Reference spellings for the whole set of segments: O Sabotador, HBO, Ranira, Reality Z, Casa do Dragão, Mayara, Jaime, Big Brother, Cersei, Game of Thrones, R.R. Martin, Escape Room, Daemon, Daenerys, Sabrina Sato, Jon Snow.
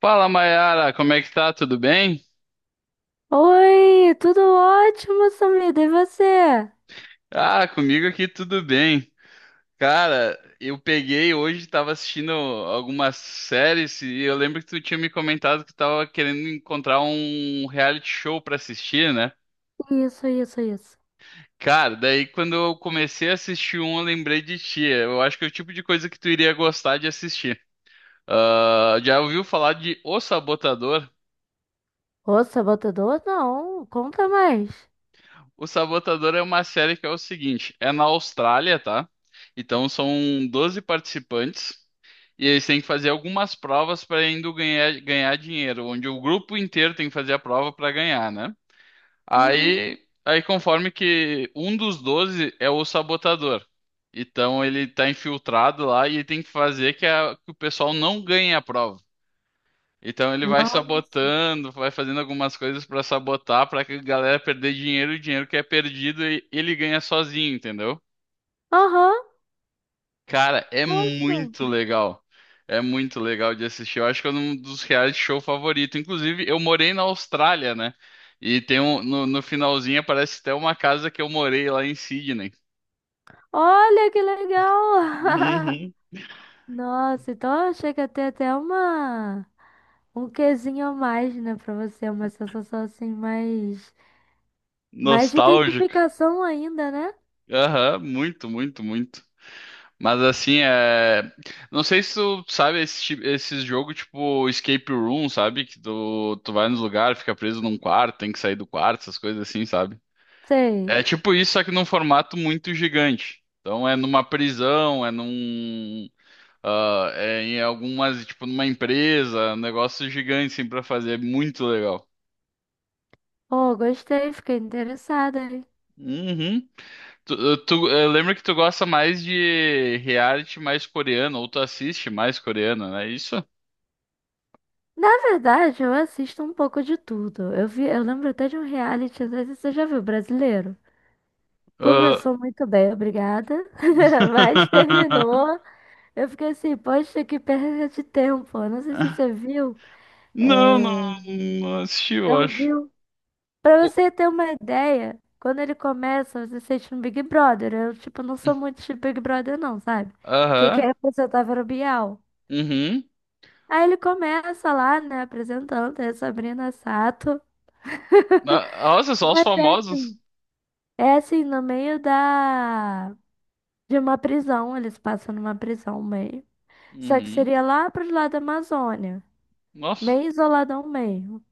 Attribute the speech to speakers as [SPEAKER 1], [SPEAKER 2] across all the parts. [SPEAKER 1] Fala, Mayara, como é que tá? Tudo bem?
[SPEAKER 2] Oi, tudo ótimo, Samida, e você?
[SPEAKER 1] Ah, comigo aqui tudo bem. Cara, eu peguei hoje, tava assistindo algumas séries e eu lembro que tu tinha me comentado que tava querendo encontrar um reality show pra assistir, né?
[SPEAKER 2] Isso, isso, isso.
[SPEAKER 1] Cara, daí quando eu comecei a assistir um, eu lembrei de ti. Eu acho que é o tipo de coisa que tu iria gostar de assistir. Ah, já ouviu falar de O Sabotador?
[SPEAKER 2] Ô, sabotador? Não, conta mais.
[SPEAKER 1] O Sabotador é uma série que é o seguinte, é na Austrália, tá? Então são 12 participantes. E eles têm que fazer algumas provas para indo ganhar dinheiro, onde o grupo inteiro tem que fazer a prova para ganhar, né?
[SPEAKER 2] Uhum.
[SPEAKER 1] Aí conforme que um dos 12 é o sabotador. Então ele tá infiltrado lá e ele tem que fazer que o pessoal não ganhe a prova. Então ele vai
[SPEAKER 2] Nossa.
[SPEAKER 1] sabotando, vai fazendo algumas coisas para sabotar, para que a galera perder dinheiro, e o dinheiro que é perdido ele ganha sozinho, entendeu?
[SPEAKER 2] Aham,
[SPEAKER 1] Cara, é
[SPEAKER 2] nossa.
[SPEAKER 1] muito legal. É muito legal de assistir. Eu acho que é um dos reality show favorito. Inclusive, eu morei na Austrália, né? E tem um, no finalzinho aparece até uma casa que eu morei lá em Sydney.
[SPEAKER 2] Olha que legal.
[SPEAKER 1] Uhum.
[SPEAKER 2] Nossa, então chega a ter até uma. Um quezinho a mais, né, pra você. Uma sensação assim, mais. Mais de
[SPEAKER 1] Nostálgico.
[SPEAKER 2] identificação ainda, né?
[SPEAKER 1] Aham, muito, muito, muito. Mas assim, é. Não sei se tu sabe esse jogo tipo Escape Room, sabe? Que tu vai nos lugares, fica preso num quarto, tem que sair do quarto, essas coisas assim, sabe?
[SPEAKER 2] Sei.
[SPEAKER 1] É tipo isso, só que num formato muito gigante. Então é numa prisão, é num. Ah, é em algumas, tipo, numa empresa, um negócio gigante, assim, pra fazer. É muito legal.
[SPEAKER 2] Ô, gostei, fiquei interessada.
[SPEAKER 1] Uhum. Eu lembro que tu gosta mais de reality mais coreano, ou tu assiste mais coreano, não é isso?
[SPEAKER 2] Na verdade, eu assisto um pouco de tudo. Eu vi, eu lembro até de um reality, às vezes você já viu, brasileiro?
[SPEAKER 1] Ah,
[SPEAKER 2] Começou muito bem, obrigada, mas terminou. Eu fiquei assim, poxa, que perda de tempo. Eu não sei se você viu,
[SPEAKER 1] Não, não,
[SPEAKER 2] é,
[SPEAKER 1] não assisti, eu
[SPEAKER 2] não
[SPEAKER 1] acho.
[SPEAKER 2] viu. Pra
[SPEAKER 1] O-
[SPEAKER 2] você ter uma ideia, quando ele começa, você sente um Big Brother. Eu, tipo, não sou muito de Big Brother, não, sabe? Porque quem
[SPEAKER 1] Aham.
[SPEAKER 2] representava era o Bial.
[SPEAKER 1] Uhum.
[SPEAKER 2] Aí ele começa lá, né, apresentando, é Sabrina Sato.
[SPEAKER 1] Ah, nossa, só os
[SPEAKER 2] Mas é
[SPEAKER 1] famosos.
[SPEAKER 2] É assim, no meio da. De uma prisão, eles passam numa prisão meio. Só que
[SPEAKER 1] Uhum.
[SPEAKER 2] seria lá pro lado da Amazônia,
[SPEAKER 1] Nossa.
[SPEAKER 2] bem isoladão meio.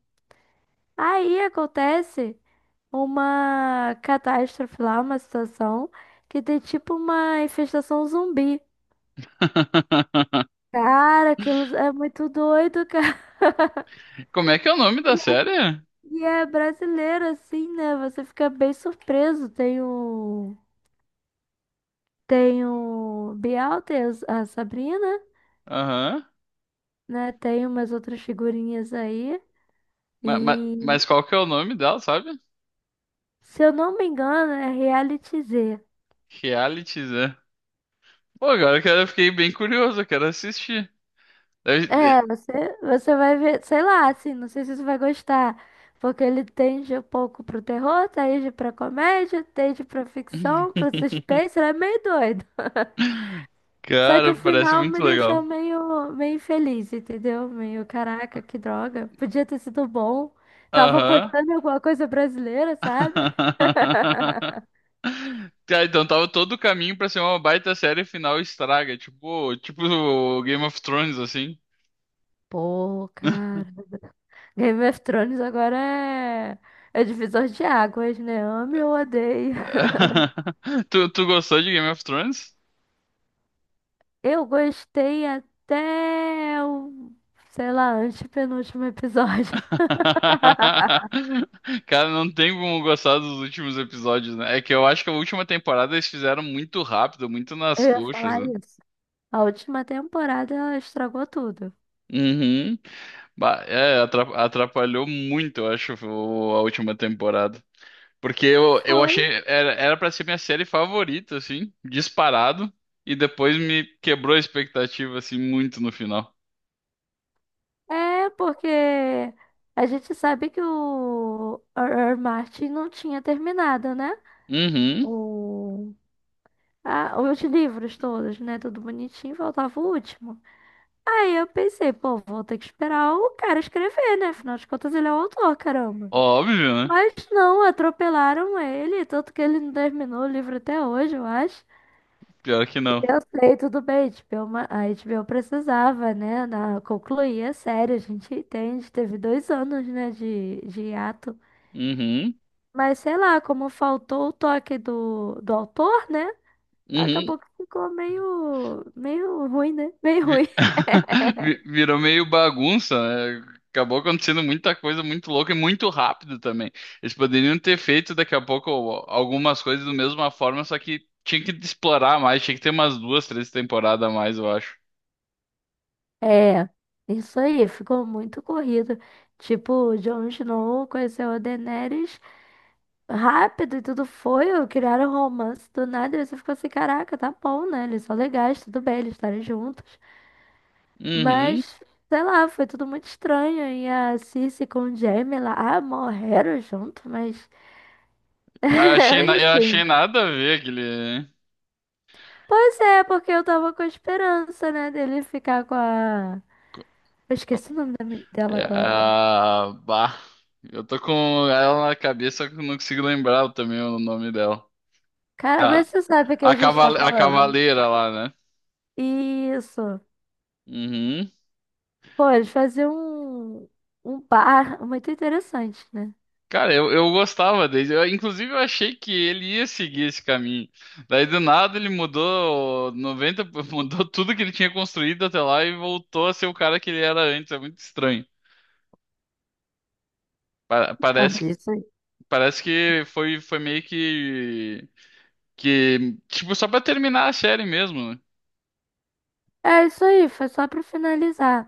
[SPEAKER 2] Aí acontece uma catástrofe lá, uma situação que tem tipo uma infestação zumbi. Cara, aquilo é muito doido, cara.
[SPEAKER 1] Como é que é o nome da
[SPEAKER 2] E é
[SPEAKER 1] série?
[SPEAKER 2] e é brasileiro, assim, né? Você fica bem surpreso. Tem o. Tem o Bial, tem a Sabrina.
[SPEAKER 1] Aham.
[SPEAKER 2] Né? Tem umas outras figurinhas aí. E
[SPEAKER 1] Mas qual que é o nome dela, sabe?
[SPEAKER 2] se eu não me engano, é Reality Z.
[SPEAKER 1] Realities, é. Pô, agora que eu fiquei bem curioso, eu quero assistir. Deve-
[SPEAKER 2] É,
[SPEAKER 1] de-
[SPEAKER 2] você vai ver, sei lá, assim, não sei se você vai gostar. Porque ele tende um pouco pro terror, tende pra comédia, tende pra ficção, pro suspense, ele é meio doido. Só que o
[SPEAKER 1] Cara, parece
[SPEAKER 2] final me
[SPEAKER 1] muito
[SPEAKER 2] deixou
[SPEAKER 1] legal.
[SPEAKER 2] meio, meio infeliz, entendeu? Meio, caraca, que droga. Podia ter sido bom. Tava
[SPEAKER 1] Aham.
[SPEAKER 2] apostando em alguma coisa brasileira, sabe?
[SPEAKER 1] Tá, então tava todo o caminho pra ser uma baita série e final estraga, tipo, tipo o Game of Thrones, assim.
[SPEAKER 2] Pô, cara. Game of Thrones agora é divisor de águas, né? Ame ou odeio.
[SPEAKER 1] Tu gostou de Game of Thrones?
[SPEAKER 2] Eu gostei até o, sei lá, antepenúltimo episódio.
[SPEAKER 1] Cara, não tem como gostar dos últimos episódios, né? É que eu acho que a última temporada eles fizeram muito rápido, muito
[SPEAKER 2] Eu
[SPEAKER 1] nas
[SPEAKER 2] ia
[SPEAKER 1] coxas,
[SPEAKER 2] falar
[SPEAKER 1] né?
[SPEAKER 2] isso. A última temporada ela estragou tudo.
[SPEAKER 1] Uhum. É, atrapalhou muito, eu acho, a última temporada. Porque eu
[SPEAKER 2] Foi.
[SPEAKER 1] achei, era pra ser minha série favorita, assim, disparado, e depois me quebrou a expectativa, assim, muito no final.
[SPEAKER 2] É, porque a gente sabe que o R.R. Martin não tinha terminado, né?
[SPEAKER 1] Uhum.
[SPEAKER 2] O. Ah, os livros todos, né? Tudo bonitinho, faltava o último. Aí eu pensei, pô, vou ter que esperar o cara escrever, né? Afinal de contas, ele é o autor, caramba.
[SPEAKER 1] Óbvio, né?
[SPEAKER 2] Mas não, atropelaram ele, tanto que ele não terminou o livro até hoje, eu acho.
[SPEAKER 1] Pior que não.
[SPEAKER 2] E eu sei, tudo bem, HBO, a HBO precisava, né, na, concluir a série, a gente entende, teve 2 anos, né, de hiato.
[SPEAKER 1] Uhum.
[SPEAKER 2] Mas sei lá, como faltou o toque do autor, né,
[SPEAKER 1] Uhum.
[SPEAKER 2] acabou que ficou meio, meio ruim, né? Meio
[SPEAKER 1] Vi-
[SPEAKER 2] ruim.
[SPEAKER 1] Virou meio bagunça, né? Acabou acontecendo muita coisa muito louca e muito rápido também. Eles poderiam ter feito daqui a pouco algumas coisas da mesma forma, só que tinha que explorar mais, tinha que ter umas duas, três temporadas a mais, eu acho.
[SPEAKER 2] É, isso aí, ficou muito corrido. Tipo, Jon Snow conheceu a Daenerys rápido e tudo foi, criaram um romance do nada, e você ficou assim, caraca, tá bom, né? Eles são legais, tudo bem, eles estarem juntos.
[SPEAKER 1] Uhum.
[SPEAKER 2] Mas, sei lá, foi tudo muito estranho. E a Cersei com o Jaime lá, ah, morreram junto, mas
[SPEAKER 1] Bah, achei, eu achei
[SPEAKER 2] enfim.
[SPEAKER 1] nada a ver aquele.
[SPEAKER 2] Pois é, porque eu tava com a esperança, né, dele ficar com a. Eu esqueci o nome da dela
[SPEAKER 1] É,
[SPEAKER 2] agora.
[SPEAKER 1] ah, bah. Eu tô com ela na cabeça, só que eu não consigo lembrar também o nome dela.
[SPEAKER 2] Cara,
[SPEAKER 1] A,
[SPEAKER 2] mas você sabe o que a gente tá
[SPEAKER 1] a
[SPEAKER 2] falando.
[SPEAKER 1] cavaleira lá, né?
[SPEAKER 2] Isso.
[SPEAKER 1] Uhum.
[SPEAKER 2] Pô, eles faziam um, um bar muito interessante, né?
[SPEAKER 1] Cara, eu gostava dele. Eu, inclusive, eu achei que ele ia seguir esse caminho. Daí, do nada, ele mudou 90 mudou tudo que ele tinha construído até lá e voltou a ser o cara que ele era antes. É muito estranho. Pa-
[SPEAKER 2] Ah,
[SPEAKER 1] parece,
[SPEAKER 2] isso aí.
[SPEAKER 1] parece que foi meio que, tipo, só pra terminar a série mesmo. Né?
[SPEAKER 2] É isso aí, foi só pra finalizar.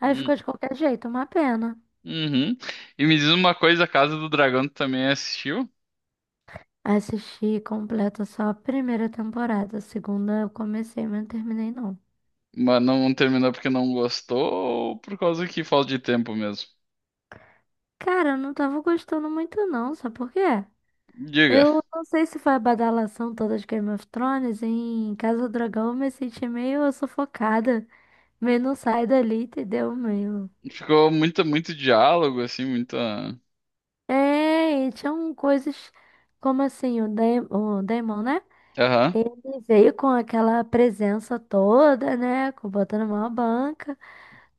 [SPEAKER 2] Aí
[SPEAKER 1] Hum,
[SPEAKER 2] ficou de qualquer jeito, uma pena.
[SPEAKER 1] uhum. E me diz uma coisa, a Casa do Dragão tu também assistiu,
[SPEAKER 2] Assisti completa só a primeira temporada. A segunda eu comecei, mas não terminei não.
[SPEAKER 1] mas não terminou porque não gostou ou por causa que falta de tempo mesmo?
[SPEAKER 2] Cara, eu não tava gostando muito não, sabe por quê?
[SPEAKER 1] Diga.
[SPEAKER 2] Eu não sei se foi a badalação toda de Game of Thrones. Em Casa do Dragão eu me senti meio sufocada. Meio não sai dali, entendeu? Meio.
[SPEAKER 1] Ficou muito, muito diálogo, assim, muita.
[SPEAKER 2] É, e tinham coisas como assim, o Daemon, né?
[SPEAKER 1] Aham.
[SPEAKER 2] Ele veio com aquela presença toda, né? Botando uma banca.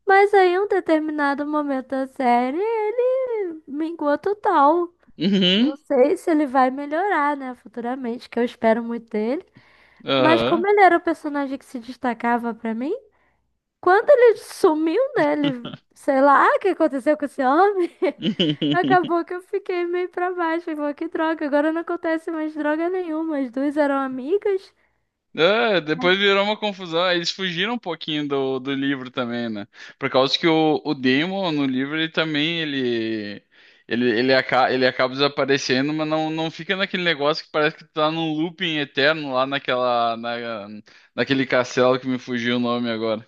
[SPEAKER 2] Mas aí, em um determinado momento da série, ele minguou total.
[SPEAKER 1] Uhum.
[SPEAKER 2] Não sei se ele vai melhorar, né? Futuramente, que eu espero muito dele. Mas
[SPEAKER 1] Aham.
[SPEAKER 2] como ele era o personagem que se destacava pra mim, quando ele sumiu, né? Ele, sei lá, o que aconteceu com esse homem? Acabou que eu fiquei meio pra baixo. Falei, que droga, agora não acontece mais droga nenhuma. As duas eram amigas.
[SPEAKER 1] É, depois virou uma confusão. Aí eles fugiram um pouquinho do, do livro também, né? Por causa que o Demon no livro ele também ele acaba desaparecendo, mas não fica naquele negócio que parece que tu tá num looping eterno lá naquele castelo que me fugiu o nome agora.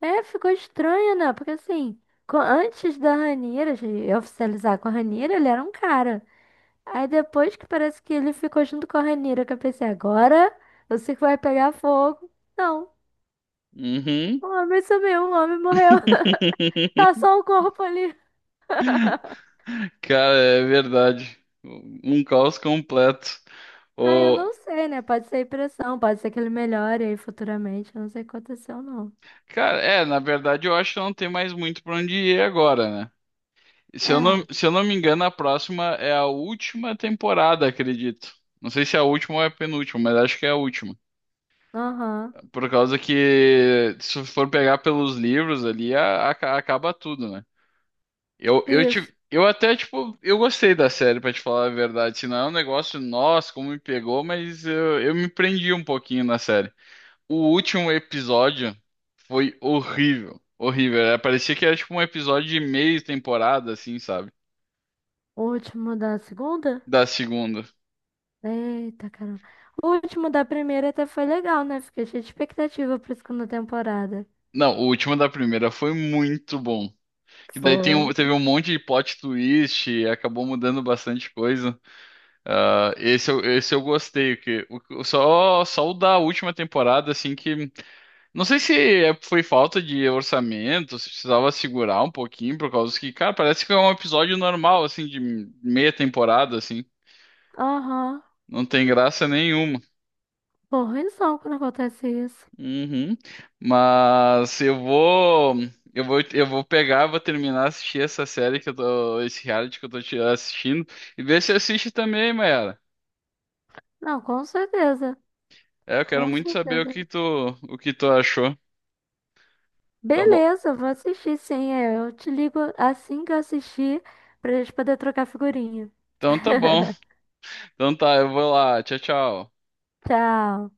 [SPEAKER 2] É, ficou estranho, né? Porque assim, antes da Ranira, de oficializar com a Ranira, ele era um cara. Aí depois que parece que ele ficou junto com a Ranira, que eu pensei, agora eu sei que vai pegar fogo. Não,
[SPEAKER 1] Uhum.
[SPEAKER 2] o homem sumiu, o homem morreu. Tá só o corpo ali.
[SPEAKER 1] Cara, é verdade. Um caos completo.
[SPEAKER 2] Ah, eu
[SPEAKER 1] O...
[SPEAKER 2] não sei, né? Pode ser impressão, pode ser que ele melhore aí futuramente. Eu não sei o que aconteceu, não.
[SPEAKER 1] Cara, é, na verdade eu acho que não tem mais muito pra onde ir agora, né?
[SPEAKER 2] É,
[SPEAKER 1] Se eu não me engano, a próxima é a última temporada, acredito. Não sei se é a última ou é a penúltima, mas acho que é a última.
[SPEAKER 2] aham.
[SPEAKER 1] Por causa que, se for pegar pelos livros ali, acaba tudo, né?
[SPEAKER 2] Isso.
[SPEAKER 1] Eu até, tipo, eu gostei da série, pra te falar a verdade. Se não é um negócio, nossa, como me pegou, mas eu me prendi um pouquinho na série. O último episódio foi horrível. Horrível. Parecia que era tipo um episódio de meia temporada, assim, sabe?
[SPEAKER 2] O último da segunda?
[SPEAKER 1] Da segunda.
[SPEAKER 2] Eita, caramba. O último da primeira até foi legal, né? Fiquei cheia de expectativa pra segunda temporada.
[SPEAKER 1] Não, o último da primeira foi muito bom. Que daí tem
[SPEAKER 2] Foi.
[SPEAKER 1] teve um monte de plot twist, e acabou mudando bastante coisa. Ah, esse eu gostei, que só, só o da última temporada, assim, que. Não sei se foi falta de orçamento, se precisava segurar um pouquinho, por causa que, cara, parece que é um episódio normal, assim, de meia temporada, assim.
[SPEAKER 2] Aham.
[SPEAKER 1] Não tem graça nenhuma.
[SPEAKER 2] Porra, ruimzão quando acontece isso.
[SPEAKER 1] Uhum. Mas eu vou pegar, vou terminar assistir essa série que eu tô, esse reality que eu tô assistindo e ver se assiste também, Mayara.
[SPEAKER 2] Não, com certeza.
[SPEAKER 1] É, eu quero
[SPEAKER 2] Com
[SPEAKER 1] muito saber
[SPEAKER 2] certeza.
[SPEAKER 1] o que tu achou. Tá bom.
[SPEAKER 2] Beleza, vou assistir sim. É, eu te ligo assim que eu assistir pra gente poder trocar figurinha.
[SPEAKER 1] Então tá bom. Então tá, eu vou lá. Tchau, tchau.
[SPEAKER 2] Tchau.